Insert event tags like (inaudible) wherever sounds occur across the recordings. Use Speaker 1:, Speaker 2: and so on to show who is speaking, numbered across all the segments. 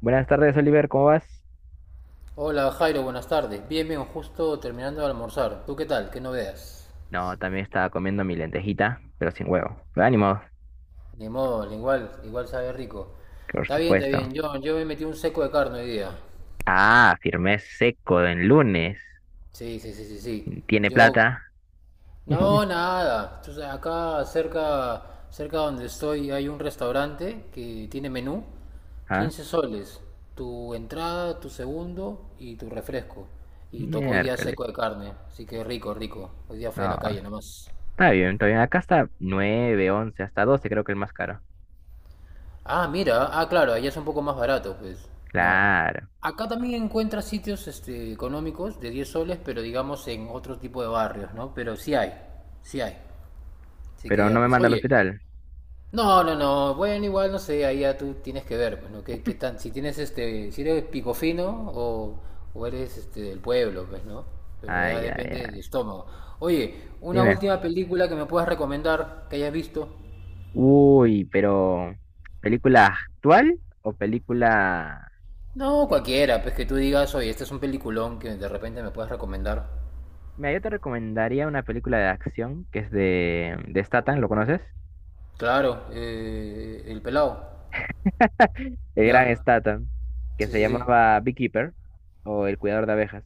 Speaker 1: Buenas tardes, Oliver, ¿cómo vas?
Speaker 2: Hola Jairo, buenas tardes. Bien, bien, justo terminando de almorzar. ¿Tú qué tal? ¿Qué novedades?
Speaker 1: No, también estaba comiendo mi lentejita, pero sin huevo. Pero ánimo,
Speaker 2: Ni modo, igual, igual sabe rico.
Speaker 1: por
Speaker 2: Está bien, está
Speaker 1: supuesto.
Speaker 2: bien. Yo me metí un seco de carne hoy día.
Speaker 1: Ah, firmé seco en lunes.
Speaker 2: Sí, sí, sí, sí, sí.
Speaker 1: ¿Tiene
Speaker 2: Yo...
Speaker 1: plata?
Speaker 2: No,
Speaker 1: (laughs)
Speaker 2: nada. Entonces, acá cerca donde estoy hay un restaurante que tiene menú.
Speaker 1: ¿Ah?
Speaker 2: 15 soles. Tu entrada, tu segundo y tu refresco. Y tocó hoy día
Speaker 1: Miércoles.
Speaker 2: seco de carne. Así que rico, rico. Hoy día fue de
Speaker 1: No,
Speaker 2: la calle nomás.
Speaker 1: está bien, está bien. Acá está 9, 11, hasta 12, creo que el más caro.
Speaker 2: Ah, mira, ah, claro, allá es un poco más barato, pues. No.
Speaker 1: Claro,
Speaker 2: Acá también encuentras sitios económicos de 10 soles, pero digamos en otro tipo de barrios, ¿no? Pero sí hay, sí hay. Así que
Speaker 1: pero
Speaker 2: ya,
Speaker 1: no me
Speaker 2: pues,
Speaker 1: manda al
Speaker 2: oye.
Speaker 1: hospital.
Speaker 2: No, no, no, bueno, igual no sé, ahí ya tú tienes que ver, pues, ¿no? ¿Qué tan, si tienes si eres picofino o eres del pueblo, pues, ¿no? Pero ya
Speaker 1: Ay, ay,
Speaker 2: depende del
Speaker 1: ay.
Speaker 2: estómago. Oye, una
Speaker 1: Dime.
Speaker 2: última película que me puedas recomendar que hayas visto.
Speaker 1: Uy, pero ¿película actual o película
Speaker 2: No,
Speaker 1: eh,
Speaker 2: cualquiera, pues que tú digas, oye, este es un peliculón que de repente me puedes recomendar.
Speaker 1: mira, yo te recomendaría una película de acción que es de Statham, ¿lo conoces?
Speaker 2: Claro, El Pelado.
Speaker 1: (laughs) El gran
Speaker 2: Ya.
Speaker 1: Statham, que
Speaker 2: Sí,
Speaker 1: se
Speaker 2: sí, sí.
Speaker 1: llamaba Beekeeper o El Cuidador de Abejas.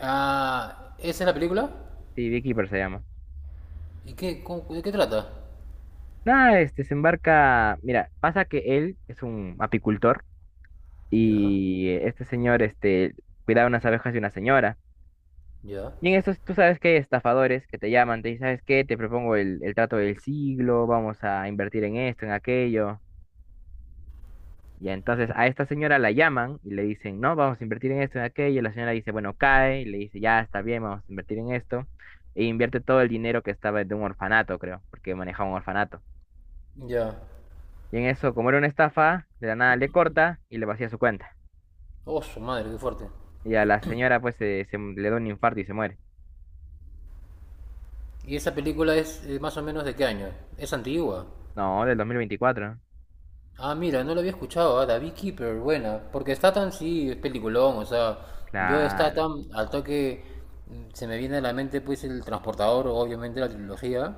Speaker 2: Ah, ¿esa es la película?
Speaker 1: Sí, Beekeeper se llama.
Speaker 2: ¿ De qué trata?
Speaker 1: Nada, este se embarca. Mira, pasa que él es un apicultor
Speaker 2: Ya,
Speaker 1: y este señor este, cuidaba unas abejas de una señora.
Speaker 2: ya,
Speaker 1: Y en estos, tú sabes que hay estafadores que te llaman, te dicen, ¿sabes qué? Te propongo el trato del siglo, vamos a invertir en esto, en aquello. Y entonces a esta señora la llaman y le dicen, no, vamos a invertir en esto, en aquello. Y la señora dice, bueno, cae. Y le dice, ya está bien, vamos a invertir en esto. E invierte todo el dinero que estaba de un orfanato, creo, porque manejaba un orfanato.
Speaker 2: ya.
Speaker 1: Y en eso, como era una estafa, de la nada le corta y le vacía su cuenta.
Speaker 2: Oh, su madre, qué fuerte.
Speaker 1: Y a la señora, pues, se le da un infarto y se muere.
Speaker 2: ¿Y esa película es más o menos de qué año? ¿Es antigua?
Speaker 1: No, del 2024.
Speaker 2: Ah, mira, no lo había escuchado, ah, The Beekeeper, buena. Porque Statham sí es peliculón, o sea, yo
Speaker 1: Claro.
Speaker 2: Statham, al toque se me viene a la mente pues el Transportador, obviamente la trilogía.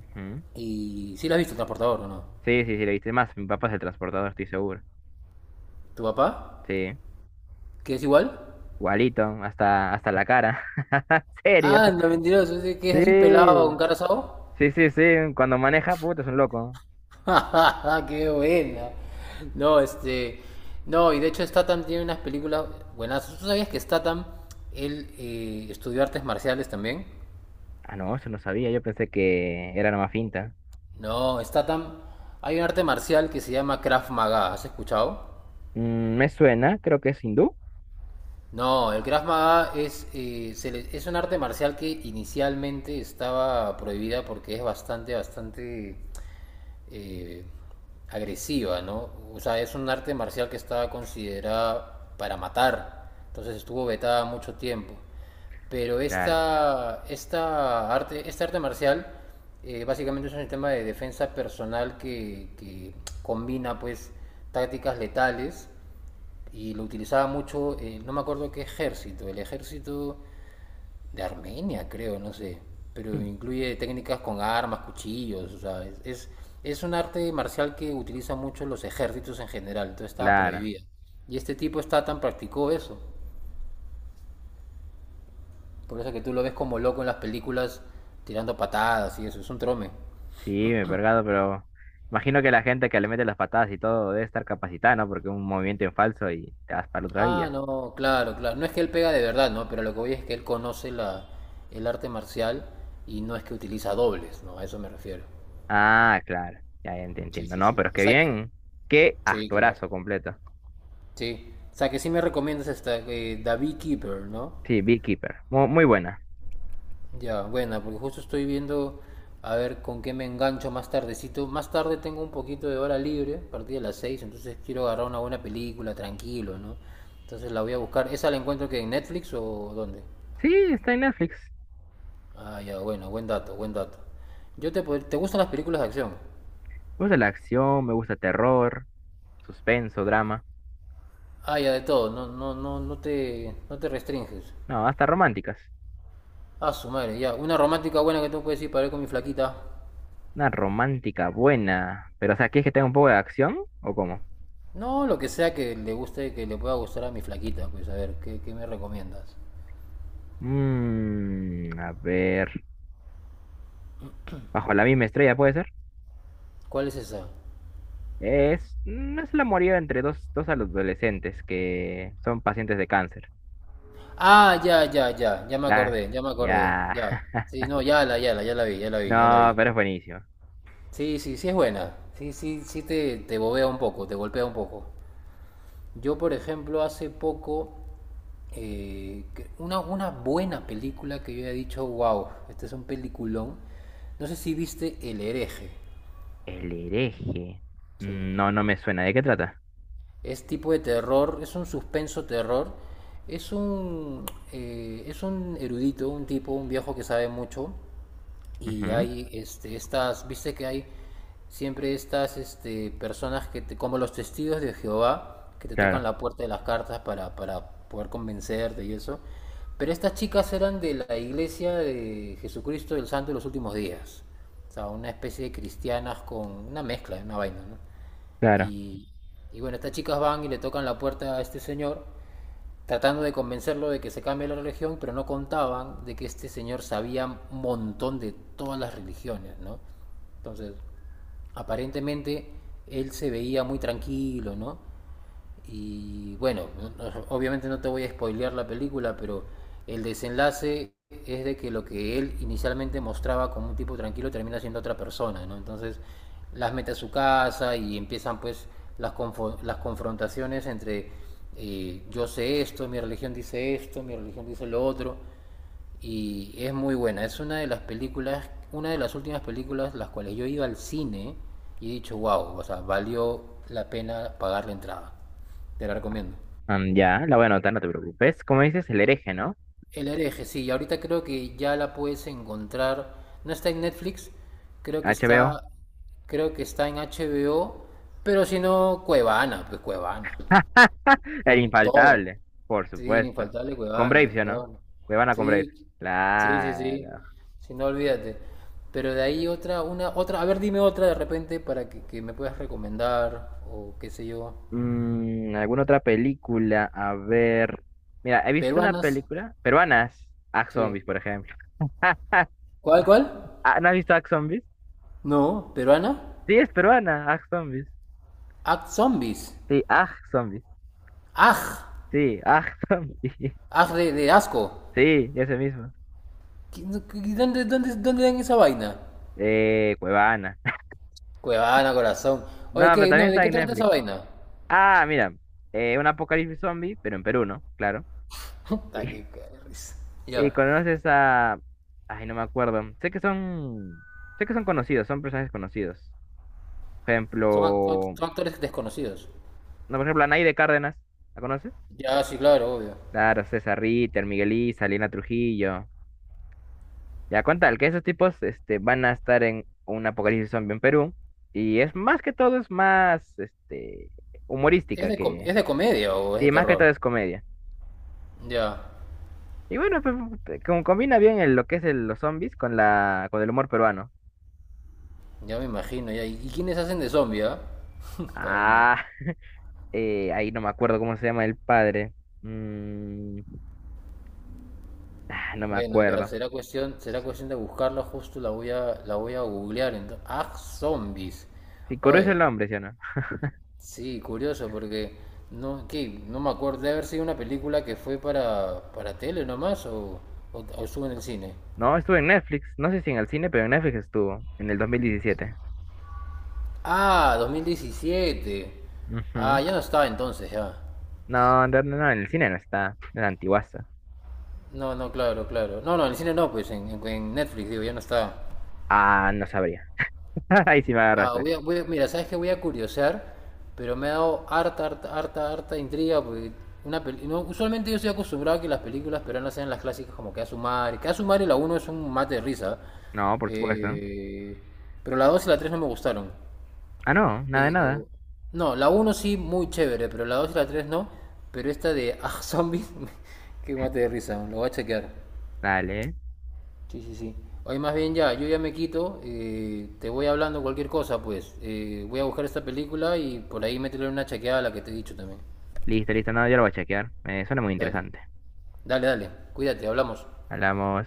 Speaker 1: Ujú.
Speaker 2: Y sí la has visto, el Transportador, ¿o no?
Speaker 1: Sí, sí, sí, le viste más. Mi papá es el transportador, estoy seguro.
Speaker 2: ¿Tu papá?
Speaker 1: Sí.
Speaker 2: ¿Que es igual?
Speaker 1: Igualito, hasta, hasta la cara. (laughs) ¿En ¿serio?
Speaker 2: Ah, el 92, ese que es
Speaker 1: Sí.
Speaker 2: así pelado con cara asado.
Speaker 1: Sí, sí, sí, cuando maneja, puta, es un loco.
Speaker 2: (laughs) ¡Ja! ¡Qué buena! No, este... No, y de hecho Statham tiene unas películas buenas. ¿Tú sabías que Statham, él estudió artes marciales también?
Speaker 1: Ah, no, eso no sabía, yo pensé que era nomás finta.
Speaker 2: No, está tan... Hay un arte marcial que se llama Krav Maga, ¿has escuchado?
Speaker 1: Mm, me suena, creo que es hindú.
Speaker 2: No, el Krav Maga es un arte marcial que inicialmente estaba prohibida porque es bastante, bastante eh, agresiva, ¿no? O sea, es un arte marcial que estaba considerada para matar, entonces estuvo vetada mucho tiempo. Pero
Speaker 1: Claro,
Speaker 2: este arte marcial básicamente es un sistema de defensa personal que combina pues tácticas letales y lo utilizaba mucho, no me acuerdo qué ejército, el ejército de Armenia, creo, no sé. Pero
Speaker 1: mm,
Speaker 2: incluye técnicas con armas, cuchillos, o sea, es un arte marcial que utilizan mucho los ejércitos en general, entonces estaba
Speaker 1: claro.
Speaker 2: prohibida. Y este tipo está tan practicó eso. Por eso que tú lo ves como loco en las películas tirando patadas y eso, es un trome.
Speaker 1: Sí, me he pergado, pero imagino que la gente que le mete las patadas y todo debe estar capacitada, ¿no? Porque es un movimiento en falso y te vas para otra
Speaker 2: Ah,
Speaker 1: vida.
Speaker 2: no, claro, claro. No es que él pega de verdad, ¿no? Pero lo que voy es que él conoce el arte marcial y no es que utiliza dobles, ¿no? A eso me refiero.
Speaker 1: Ah, claro, ya, ya te
Speaker 2: Sí,
Speaker 1: entiendo.
Speaker 2: sí,
Speaker 1: No,
Speaker 2: sí.
Speaker 1: pero es
Speaker 2: O
Speaker 1: que
Speaker 2: sea que...
Speaker 1: bien, qué
Speaker 2: Sí, claro.
Speaker 1: actorazo completo.
Speaker 2: Sí. O sea, que sí me recomiendas esta The Beekeeper, ¿no?
Speaker 1: Sí, Beekeeper, muy buena.
Speaker 2: Ya, buena, porque justo estoy viendo a ver con qué me engancho más tardecito. Más tarde tengo un poquito de hora libre, a partir de las 6 entonces quiero agarrar una buena película, tranquilo, ¿no? Entonces la voy a buscar. ¿Esa la encuentro que en Netflix o dónde?
Speaker 1: Sí, está en Netflix.
Speaker 2: Ah, ya, bueno, buen dato, buen dato. ¿Te gustan las películas de acción?
Speaker 1: Me gusta la acción, me gusta terror, suspenso, drama.
Speaker 2: Ah, ya, de todo, no, no, no, no te restringes.
Speaker 1: No, hasta románticas.
Speaker 2: Ah, su madre, ya, una romántica buena que tú puedes ir para ver con mi flaquita.
Speaker 1: Una romántica buena. Pero, o sea, ¿quieres que tenga un poco de acción? ¿O cómo?
Speaker 2: No, lo que sea que le guste, que le pueda gustar a mi flaquita, pues a ver, ¿qué me recomiendas?
Speaker 1: Mmm, a ver. Bajo la misma estrella, ¿puede ser?
Speaker 2: ¿Cuál es esa?
Speaker 1: Es, es el amorío entre dos, dos adolescentes que son pacientes de cáncer.
Speaker 2: Ah, ya, ya, ya, ya me
Speaker 1: La,
Speaker 2: acordé, ya me acordé,
Speaker 1: ya.
Speaker 2: ya. Sí,
Speaker 1: (laughs)
Speaker 2: no, ya la vi, ya la vi, ya la
Speaker 1: No,
Speaker 2: vi.
Speaker 1: pero es buenísimo.
Speaker 2: Sí, sí, sí es buena. Sí, sí, sí te bobea un poco, te golpea un poco. Yo, por ejemplo, hace poco, una buena película que yo he dicho, wow, este es un peliculón. No sé si viste El hereje.
Speaker 1: El hereje.
Speaker 2: Sí.
Speaker 1: Mm, no, no me suena. ¿De qué trata?
Speaker 2: Es tipo de terror, es un suspenso terror. Es un, es un erudito, un tipo, un viejo que sabe mucho. Y
Speaker 1: Ujú.
Speaker 2: hay viste que hay siempre estas personas que como los testigos de Jehová que te tocan
Speaker 1: Claro,
Speaker 2: la puerta de las cartas para poder convencerte y eso. Pero estas chicas eran de la iglesia de Jesucristo del Santo de los últimos días. O sea, una especie de cristianas con una mezcla, una vaina, ¿no?
Speaker 1: claro.
Speaker 2: Y, y bueno, estas chicas van y le tocan la puerta a este señor, tratando de convencerlo de que se cambie la religión, pero no contaban de que este señor sabía un montón de todas las religiones, ¿no? Entonces, aparentemente él se veía muy tranquilo, ¿no? Y bueno, obviamente no te voy a spoilear la película, pero el desenlace es de que lo que él inicialmente mostraba como un tipo tranquilo termina siendo otra persona, ¿no? Entonces las mete a su casa y empiezan pues las confrontaciones entre yo sé esto, mi religión dice esto, mi religión dice lo otro y es muy buena. Es una de las últimas películas las cuales yo iba al cine y he dicho, wow, o sea, valió la pena pagar la entrada. Te la recomiendo.
Speaker 1: Mm, ya, la voy a anotar, no te preocupes. ¿Cómo dices? El hereje, ¿no?
Speaker 2: El hereje, sí, y ahorita creo que ya la puedes encontrar. No está en Netflix, creo que
Speaker 1: HBO.
Speaker 2: está, creo que está en HBO, pero si no, Cuevana, pues Cuevana,
Speaker 1: (laughs) El
Speaker 2: con todo.
Speaker 1: infaltable, por
Speaker 2: Sí,
Speaker 1: supuesto.
Speaker 2: infaltable
Speaker 1: Con Brave,
Speaker 2: Cuevana,
Speaker 1: ¿sí o no?
Speaker 2: con
Speaker 1: Cuevana con Brave.
Speaker 2: Sí, sí, sí, sí.
Speaker 1: Claro.
Speaker 2: Si no, olvídate. Pero de ahí otra, a ver, dime otra de repente para que me puedas recomendar o qué sé yo.
Speaker 1: Mm, ¿alguna otra película? A ver. Mira, he visto una
Speaker 2: Peruanas.
Speaker 1: película peruanas. Ax
Speaker 2: Sí.
Speaker 1: Zombies, por ejemplo. (laughs)
Speaker 2: ¿Cuál, cuál?
Speaker 1: Ah, ¿no has visto Ax Zombies?
Speaker 2: No, peruana.
Speaker 1: Sí, es peruana. Ax Zombies.
Speaker 2: Act Zombies.
Speaker 1: Sí, Ax Zombies.
Speaker 2: Aj.
Speaker 1: Sí, Ax Zombies. (laughs)
Speaker 2: Aj de asco.
Speaker 1: Sí, ese mismo.
Speaker 2: ¿Dónde, dónde, dónde dan esa vaina?
Speaker 1: Cuevana.
Speaker 2: Cuevana, corazón.
Speaker 1: (laughs) No,
Speaker 2: Oye,
Speaker 1: pero
Speaker 2: ¿qué? No,
Speaker 1: también
Speaker 2: ¿de
Speaker 1: está
Speaker 2: qué
Speaker 1: en
Speaker 2: trata esa
Speaker 1: Netflix.
Speaker 2: vaina?
Speaker 1: Ah, mira. Un apocalipsis zombie, pero en Perú, ¿no? Claro.
Speaker 2: (laughs) Puta, qué-
Speaker 1: (laughs)
Speaker 2: qué risa.
Speaker 1: Y
Speaker 2: Ya.
Speaker 1: conoces a... Ay, no me acuerdo. Sé que son conocidos, son personajes conocidos. Por
Speaker 2: Son, act- son act-
Speaker 1: ejemplo...
Speaker 2: son actores desconocidos.
Speaker 1: No, por ejemplo, a Anaide Cárdenas. ¿La conoces?
Speaker 2: Ya, sí, claro, obvio.
Speaker 1: Claro, César Ritter, Miguel Isa, Lina Trujillo. Ya con tal que esos tipos este, van a estar en un apocalipsis zombie en Perú. Y es más que todo, es más este,
Speaker 2: ¿Es
Speaker 1: humorística
Speaker 2: de, com-
Speaker 1: que...
Speaker 2: es de comedia o es de
Speaker 1: Sí, más que todo
Speaker 2: terror?
Speaker 1: es comedia.
Speaker 2: Ya,
Speaker 1: Y bueno, pues, te- como combina bien el- lo que es el- los zombies con la, con el humor peruano.
Speaker 2: ya me imagino, ya. ¿Y quiénes hacen de zombie, ah? (laughs) Puta.
Speaker 1: Ah, ahí no me acuerdo cómo se llama el padre. Mm, ah, no me
Speaker 2: Bueno, ya,
Speaker 1: acuerdo.
Speaker 2: será cuestión de buscarla, justo la voy a googlear entonces. Ah, zombies.
Speaker 1: Sí, Coro es
Speaker 2: Oye,
Speaker 1: el nombre, ¿sí o no?
Speaker 2: sí, curioso porque no, ¿qué? No me acuerdo de haber sido una película que fue para tele nomás o estuvo en el cine.
Speaker 1: No, estuvo en Netflix. No sé si en el cine, pero en Netflix estuvo, en el 2017.
Speaker 2: Ah, 2017
Speaker 1: Ujú.
Speaker 2: Ah, ya no está entonces, ya.
Speaker 1: No, no, no, no, en el cine no está, en la antiguaza.
Speaker 2: No, no, claro, claro. No, no, en el cine no, pues en Netflix, digo, ya no está.
Speaker 1: Ah, no sabría. (laughs) Ahí sí me
Speaker 2: Ah,
Speaker 1: agarraste.
Speaker 2: mira, sabes que voy a curiosear, pero me ha dado harta, harta, harta, harta intriga, porque no, usualmente yo estoy acostumbrado a que las películas peruanas sean las clásicas como Que a su madre, Que a su madre la uno es un mate de risa,
Speaker 1: No, por supuesto.
Speaker 2: eh, pero la 2 y la 3 no me gustaron.
Speaker 1: Ah, no, nada de nada.
Speaker 2: Pero, no, la uno sí, muy chévere, pero la 2 y la 3 no, pero esta de Ah, Zombies, (laughs) que mate de risa, lo voy a chequear.
Speaker 1: Dale.
Speaker 2: Sí, sí, sí. Oye, más bien ya, yo ya me quito, te voy hablando cualquier cosa, pues. Voy a buscar esta película y por ahí métele una chequeada a la que te he dicho también.
Speaker 1: Listo, listo, no, yo lo voy a chequear. Me suena muy
Speaker 2: Dale,
Speaker 1: interesante.
Speaker 2: dale, dale. Cuídate, hablamos.
Speaker 1: Hablamos.